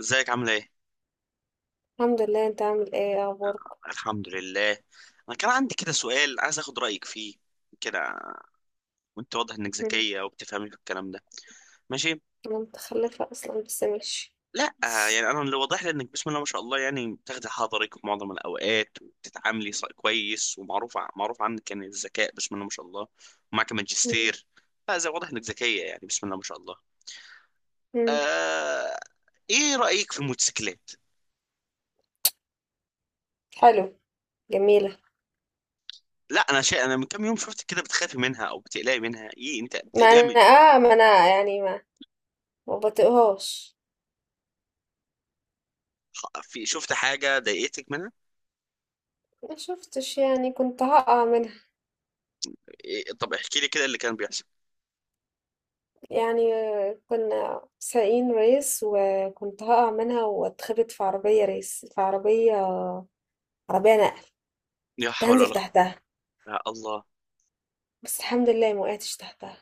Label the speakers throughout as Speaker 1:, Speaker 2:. Speaker 1: ازيك؟ عامله ايه؟
Speaker 2: الحمد لله. انت عامل ايه؟ ايه اخبارك؟
Speaker 1: الحمد لله. انا كان عندي كده سؤال عايز اخد رايك فيه كده. وانت واضح انك
Speaker 2: مم.
Speaker 1: ذكيه وبتفهمي في الكلام ده. ماشي.
Speaker 2: انا متخلفة اصلا، بس ماشي.
Speaker 1: لا يعني انا اللي واضح لي انك بسم الله ما شاء الله يعني بتاخدي حضرك في معظم الاوقات وبتتعاملي كويس، معروف عنك يعني الذكاء بسم الله ما شاء الله. ومعك
Speaker 2: مم.
Speaker 1: ماجستير. فزي واضح انك ذكيه يعني بسم الله ما شاء الله.
Speaker 2: مم.
Speaker 1: آه... ايه رايك في الموتوسيكلات؟
Speaker 2: حلو. جميلة.
Speaker 1: لا انا من كام يوم شفت كده بتخافي منها او بتقلقي منها، ايه انت بتقلقي؟
Speaker 2: ما انا يعني ما بطيقهاش.
Speaker 1: في شفت حاجة ضايقتك منها؟
Speaker 2: ما شفتش، يعني كنت هقع منها.
Speaker 1: إيه، طب احكي لي كده اللي كان بيحصل.
Speaker 2: يعني كنا سايقين ريس، وكنت هقع منها واتخبط في عربية ريس، في عربية نقل.
Speaker 1: لا
Speaker 2: كنت
Speaker 1: حول
Speaker 2: هنزل
Speaker 1: ولا قوة.
Speaker 2: تحتها،
Speaker 1: يا الله.
Speaker 2: بس الحمد لله ما وقعتش تحتها.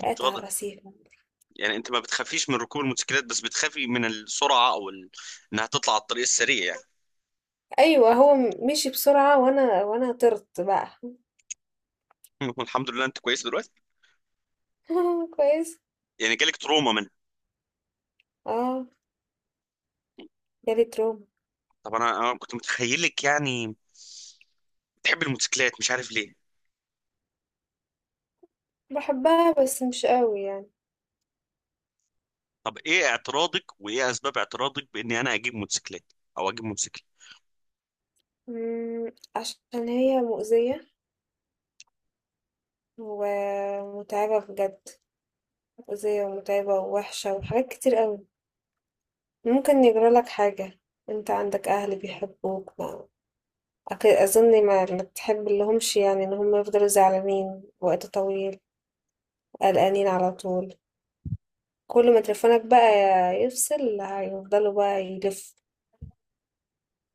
Speaker 2: وقعت على
Speaker 1: اتفضل.
Speaker 2: الرصيف.
Speaker 1: يعني انت ما بتخافيش من ركوب الموتوسيكلات بس بتخافي من السرعة او انها تطلع على الطريق السريع يعني.
Speaker 2: ايوه، هو مشي بسرعة، وانا طرت بقى.
Speaker 1: الحمد لله انت كويس دلوقتي.
Speaker 2: كويس.
Speaker 1: يعني جالك تروما منها؟
Speaker 2: اه، جالي تروما.
Speaker 1: طب انا كنت متخيلك يعني بتحب الموتوسيكلات مش عارف ليه.
Speaker 2: بحبها بس مش قوي يعني.
Speaker 1: طب ايه اعتراضك وايه اسباب اعتراضك باني انا اجيب موتوسيكلات او اجيب موتوسيكل؟
Speaker 2: عشان هي مؤذية ومتعبة بجد. مؤذية ومتعبة ووحشة وحاجات كتير قوي. ممكن يجرى لك حاجة. انت عندك اهل بيحبوك. ما اظن ما بتحب لهمش، يعني ان هم يفضلوا زعلانين وقت طويل، قلقانين على طول. كل ما تليفونك بقى يفصل، هيفضلوا بقى يلف.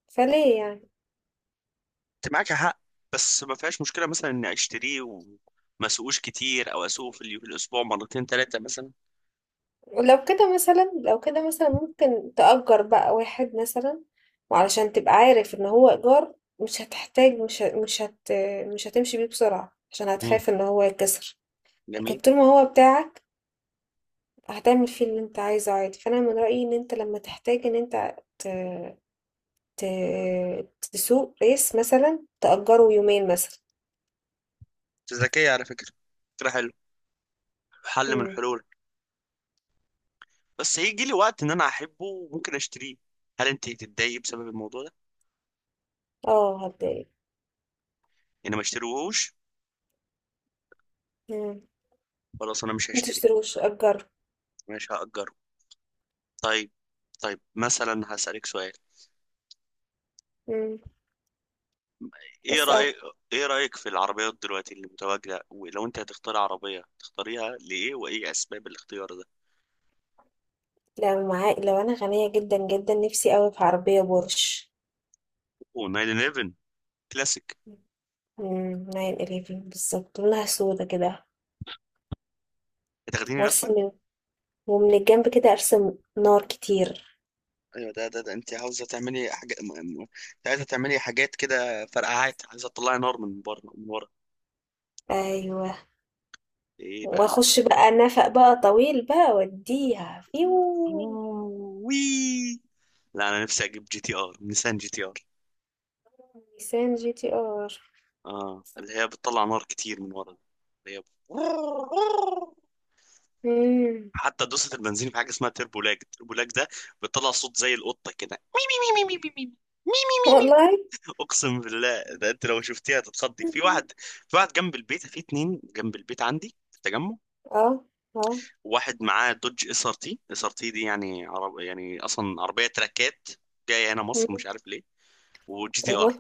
Speaker 2: فليه يعني؟
Speaker 1: انت معاك حق. بس ما فيهاش مشكلة مثلا اني اشتريه وما اسوقوش كتير او اسوقه في الاسبوع مرتين ثلاثة مثلا.
Speaker 2: لو كده مثلا ممكن تأجر بقى واحد مثلا، وعلشان تبقى عارف ان هو إيجار مش هتحتاج. مش ه- مش هت مش هتمشي بيه بسرعة، عشان
Speaker 1: مم.
Speaker 2: هتخاف ان هو يتكسر. لكن
Speaker 1: جميل.
Speaker 2: طول ما هو بتاعك، هتعمل فيه اللي انت عايزه عادي. فانا من رأيي ان انت لما تحتاج ان انت ت... تسوق ريس مثلا، تأجره يومين مثلا.
Speaker 1: انت ذكية على فكرة. فكرة حلوة. حل من
Speaker 2: مم.
Speaker 1: الحلول. بس هيجي لي وقت ان انا احبه وممكن اشتريه. هل انت تتضايقي بسبب الموضوع ده؟
Speaker 2: اه، هتضايق.
Speaker 1: يعني ما اشتريهوش.
Speaker 2: مم.
Speaker 1: خلاص انا مش هشتري.
Speaker 2: متشتروش، أجره.
Speaker 1: مش هأجره. طيب. طيب مثلا هسألك سؤال.
Speaker 2: مم.
Speaker 1: ايه
Speaker 2: اسأل.
Speaker 1: رأيك؟ ايه رأيك في العربيات دلوقتي اللي متواجدة، ولو انت هتختار عربية تختاريها ليه وايه اسباب الاختيار ده؟
Speaker 2: لو انا غنية جدا جدا، نفسي قوي في عربية بورش.
Speaker 1: و911 كلاسيك.
Speaker 2: 911 بالظبط، لونها سودا كده.
Speaker 1: هتاخديني لفة؟
Speaker 2: وارسم من، ومن الجنب كده ارسم نار كتير.
Speaker 1: ايوه ده انت عاوزه تعملي حاجه عايزه تعملي حاجات كده، فرقعات، عايزه تطلعي نار من بره من ورا؟
Speaker 2: ايوه.
Speaker 1: ايه بقى؟
Speaker 2: واخش بقى نفق بقى طويل بقى واديها فيو.
Speaker 1: وي. لا انا نفسي اجيب جي تي ار، نيسان جي تي ار.
Speaker 2: نيسان جي تي ار.
Speaker 1: اه اللي هي بتطلع نار كتير من ورا. اللي هي
Speaker 2: مم.
Speaker 1: حتى دوسة البنزين في حاجه اسمها تربو لاج، التربو لاج ده بتطلع صوت زي القطه كده.
Speaker 2: والله.
Speaker 1: اقسم بالله، ده انت لو شفتيها تتخضي. في واحد جنب البيت، في اتنين جنب البيت عندي في التجمع.
Speaker 2: اه. اه.
Speaker 1: واحد معاه دوج اس ار تي دي، يعني عرب يعني اصلا عربيه تراكات جايه هنا
Speaker 2: مم.
Speaker 1: مصر مش عارف ليه. وجي تي
Speaker 2: ايوه.
Speaker 1: ار.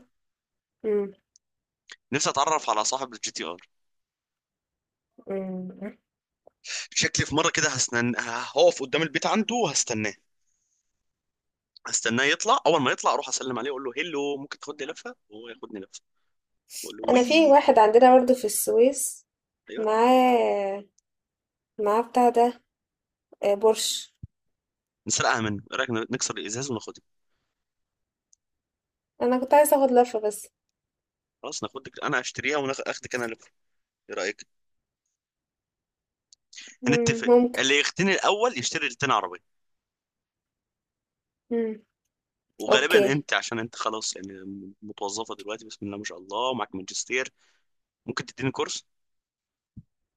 Speaker 2: مم.
Speaker 1: نفسي اتعرف على صاحب الجي تي ار.
Speaker 2: مم.
Speaker 1: شكلي في مره كده هستنى، هقف قدام البيت عنده وهستناه. يطلع، اول ما يطلع اروح اسلم عليه اقول له هيلو، ممكن تاخدني لفه، وهو ياخدني لفه. اقول له
Speaker 2: انا في
Speaker 1: وي.
Speaker 2: واحد عندنا برضه في السويس.
Speaker 1: ايوه.
Speaker 2: معاه معاه بتاع ده. بورش.
Speaker 1: نسرقها منه، ايه رايك نكسر الازاز وناخدها؟
Speaker 2: انا كنت عايزه اخد لفه بس.
Speaker 1: خلاص ناخدك، انا اشتريها وناخدك انا لفه. ايه رايك؟ هنتفق.
Speaker 2: ممكن.
Speaker 1: اللي يختني الاول يشتري التاني عربيه.
Speaker 2: مم.
Speaker 1: وغالبا
Speaker 2: اوكي.
Speaker 1: انت، عشان انت خلاص يعني متوظفه دلوقتي بسم الله ما شاء الله ومعاك ماجستير. ممكن تديني كورس؟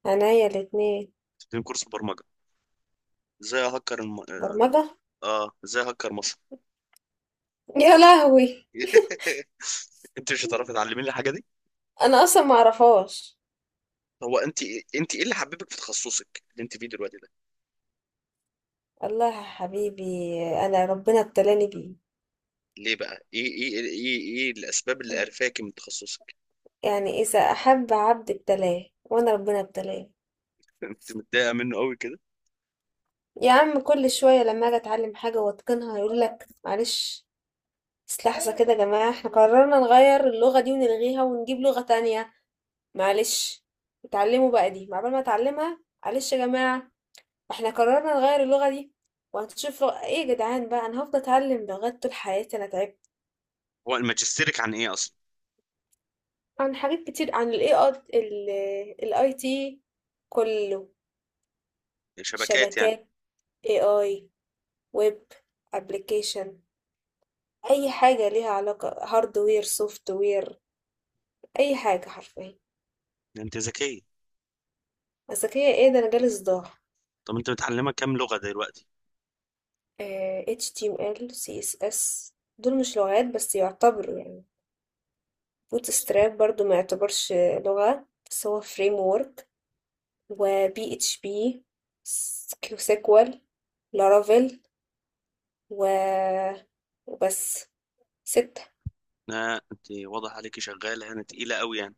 Speaker 2: عينيا الاتنين.
Speaker 1: تديني كورس برمجه. ازاي اهكر الم...
Speaker 2: برمجه.
Speaker 1: اه ازاي اهكر مصر؟
Speaker 2: يا لهوي.
Speaker 1: انت مش هتعرفي تعلميني الحاجه دي.
Speaker 2: انا اصلا ما اعرفهاش.
Speaker 1: هو انت إيه، انت ايه اللي حببك في تخصصك اللي انت فيه دلوقتي ده؟
Speaker 2: الله يا حبيبي. انا ربنا ابتلاني بيه.
Speaker 1: ليه بقى، ايه الاسباب اللي قرفاكي من تخصصك؟
Speaker 2: يعني اذا احب عبد ابتلاه، وانا ربنا ابتلاه.
Speaker 1: انت متضايقه منه قوي كده.
Speaker 2: يا عم كل شويه لما اجي اتعلم حاجه واتقنها، يقول لك: معلش، بس لحظه كده يا جماعه، احنا قررنا نغير اللغه دي ونلغيها ونجيب لغه تانية. معلش، اتعلموا بقى دي عقبال ما اتعلمها. معلش يا جماعة، احنا قررنا نغير اللغة دي، وهتشوف لغة ايه يا جدعان بقى. انا هفضل اتعلم لغات طول حياتي، انا تعبت.
Speaker 1: هو ماجستيرك عن ايه اصلا؟
Speaker 2: عن حاجات كتير، عن ال الاي تي كله.
Speaker 1: يعني شبكات يعني؟
Speaker 2: شبكات، AI، ويب، ابلكيشن، اي حاجة ليها علاقة، هاردوير سوفت وير، اي حاجة حرفيا.
Speaker 1: انت ذكيه.
Speaker 2: بس هي ايه ده، انا جالي صداع.
Speaker 1: طب انت متعلمه كام لغه دلوقتي؟
Speaker 2: HTML CSS دول مش لغات بس، يعتبروا يعني. بوت ستراب برضو ما يعتبرش لغة، بس هو فريم وورك. و بي اتش بي، كيو سيكوال، لارافيل، و وبس. 6.
Speaker 1: لا انت واضح عليكي شغاله هنا تقيله قوي يعني.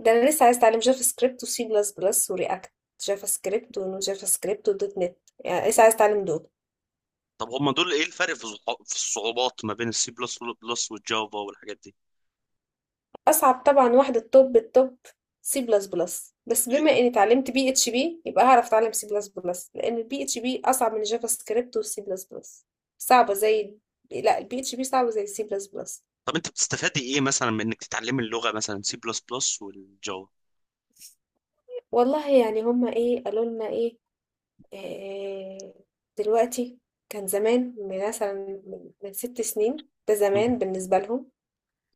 Speaker 2: ده انا لسه عايز اتعلم جافا سكريبت وسي بلس بلس ورياكت. جافا سكريبت ونو جافا سكريبت ودوت نت يعني لسه عايز اتعلم دول.
Speaker 1: طب هما دول ايه الفرق في في الصعوبات ما بين السي بلس بلس والجافا والحاجات دي؟
Speaker 2: أصعب طبعا واحدة، التوب التوب، سي بلس بلس. بس
Speaker 1: ليه؟
Speaker 2: بما إني اتعلمت بي اتش بي، يبقى هعرف أتعلم سي بلس بلس، لأن البي اتش بي أصعب من جافا سكريبت والسي بلس بلس. صعبة زي لا، البي اتش بي صعبة زي السي بلس بلس.
Speaker 1: طب انت بتستفادي ايه مثلا من انك تتعلمي اللغه مثلا سي بلس بلس والجافا؟
Speaker 2: والله يعني هما إيه قالوا لنا إيه؟ آه، دلوقتي. كان زمان، من مثلا، من 6 سنين، ده
Speaker 1: مم.
Speaker 2: زمان بالنسبة لهم.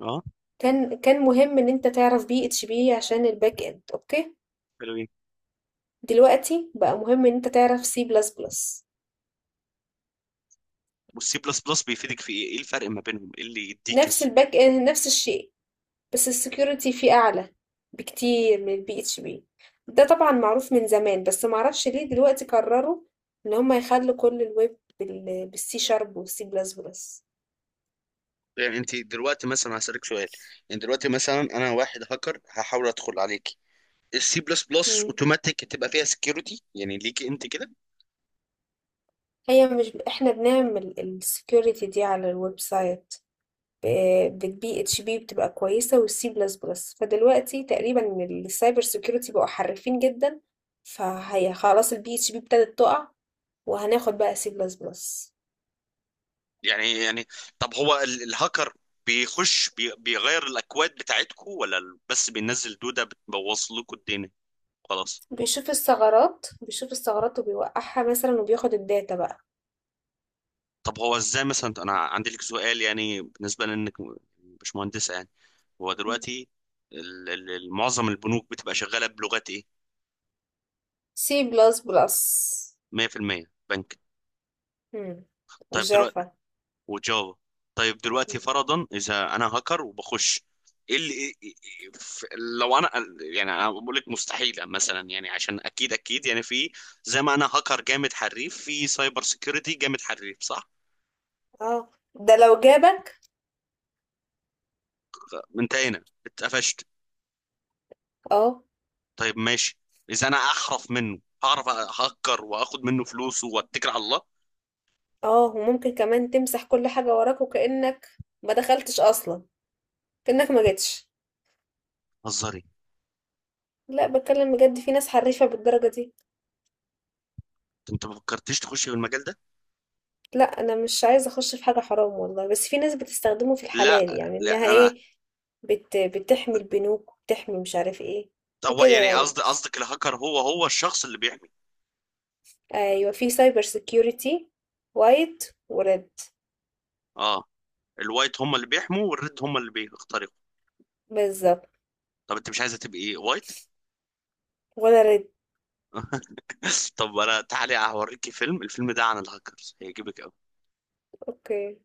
Speaker 1: اه.
Speaker 2: كان مهم إن أنت تعرف بي اتش بي عشان الباك إند، أوكي.
Speaker 1: حلوين.
Speaker 2: دلوقتي بقى مهم إن أنت تعرف سي بلس بلس.
Speaker 1: والسي بلس بلس بيفيدك في ايه الفرق ما بينهم، ايه اللي يديك
Speaker 2: نفس الباك اند، نفس الشيء، بس السكيورتي فيه اعلى بكتير من البي اتش بي. ده طبعا معروف من زمان، بس معرفش ليه دلوقتي قرروا ان هم يخلوا كل الويب بالسي شارب والسي بلس بلس.
Speaker 1: يعني انت دلوقتي مثلا هسألك سؤال. يعني دلوقتي مثلا انا واحد هاكر هحاول ادخل عليك، السي بلس بلس
Speaker 2: مم.
Speaker 1: اوتوماتيك تبقى فيها سكيورتي يعني ليكي انت كده؟
Speaker 2: هي مش احنا بنعمل السكيورتي دي على الويب سايت؟ بالبي اتش بي بتبقى كويسه، والسي بلس بلس فدلوقتي تقريبا السايبر سكيورتي بقوا حرفين جدا، فهي خلاص البي اتش بي ابتدت تقع، وهناخد بقى سي بلس بلس.
Speaker 1: يعني طب هو الهاكر بيغير الاكواد بتاعتكم، ولا بس بينزل دودة بتبوظ لكم الدنيا؟ خلاص.
Speaker 2: بيشوف الثغرات، بيشوف الثغرات وبيوقعها مثلا، وبياخد الداتا بقى.
Speaker 1: طب هو ازاي مثلا، انا عندي لك سؤال يعني، بالنسبة لانك مش مهندسة يعني. هو
Speaker 2: مم.
Speaker 1: دلوقتي معظم البنوك بتبقى شغالة بلغات ايه؟
Speaker 2: سي بلس بلس
Speaker 1: 100% بنك. طيب.
Speaker 2: وجافا.
Speaker 1: وجافا. طيب. دلوقتي
Speaker 2: مم.
Speaker 1: فرضا اذا انا هاكر وبخش، ايه اللي إيه، ف- لو انا يعني، انا بقول لك مستحيله مثلا يعني، عشان اكيد اكيد يعني، في زي ما انا هاكر جامد حريف في سايبر سيكيورتي جامد حريف، صح؟
Speaker 2: اه. ده لو جابك.
Speaker 1: انت هنا اتقفشت.
Speaker 2: اه.
Speaker 1: طيب ماشي. اذا انا احرف منه هعرف اهكر واخد منه فلوسه واتكل على الله.
Speaker 2: اه، وممكن كمان تمسح كل حاجة وراك، وكأنك ما دخلتش أصلا، كأنك ما جيتش.
Speaker 1: هزاري؟
Speaker 2: لا، بتكلم بجد، في ناس حريفة بالدرجة دي.
Speaker 1: انت ما فكرتش تخش في المجال ده؟
Speaker 2: لا، أنا مش عايزة أخش في حاجة حرام والله، بس في ناس بتستخدمه في
Speaker 1: لا.
Speaker 2: الحلال يعني، إنها
Speaker 1: لا انا.
Speaker 2: إيه، بتحمي البنوك وبتحمي مش عارف إيه
Speaker 1: هو
Speaker 2: وكده
Speaker 1: يعني
Speaker 2: يعني.
Speaker 1: قصدك الهاكر هو الشخص اللي بيحمي؟
Speaker 2: ايوه، في سايبر سيكيورتي، وايت وريد.
Speaker 1: اه. الوايت هم اللي بيحموا والريد هم اللي بيخترقوا.
Speaker 2: بالظبط.
Speaker 1: طب انت مش عايزه تبقي وايت؟
Speaker 2: ولا ريد.
Speaker 1: طب انا تعالي هوريكي الفيلم ده عن الهاكرز هيعجبك قوي.
Speaker 2: اوكي.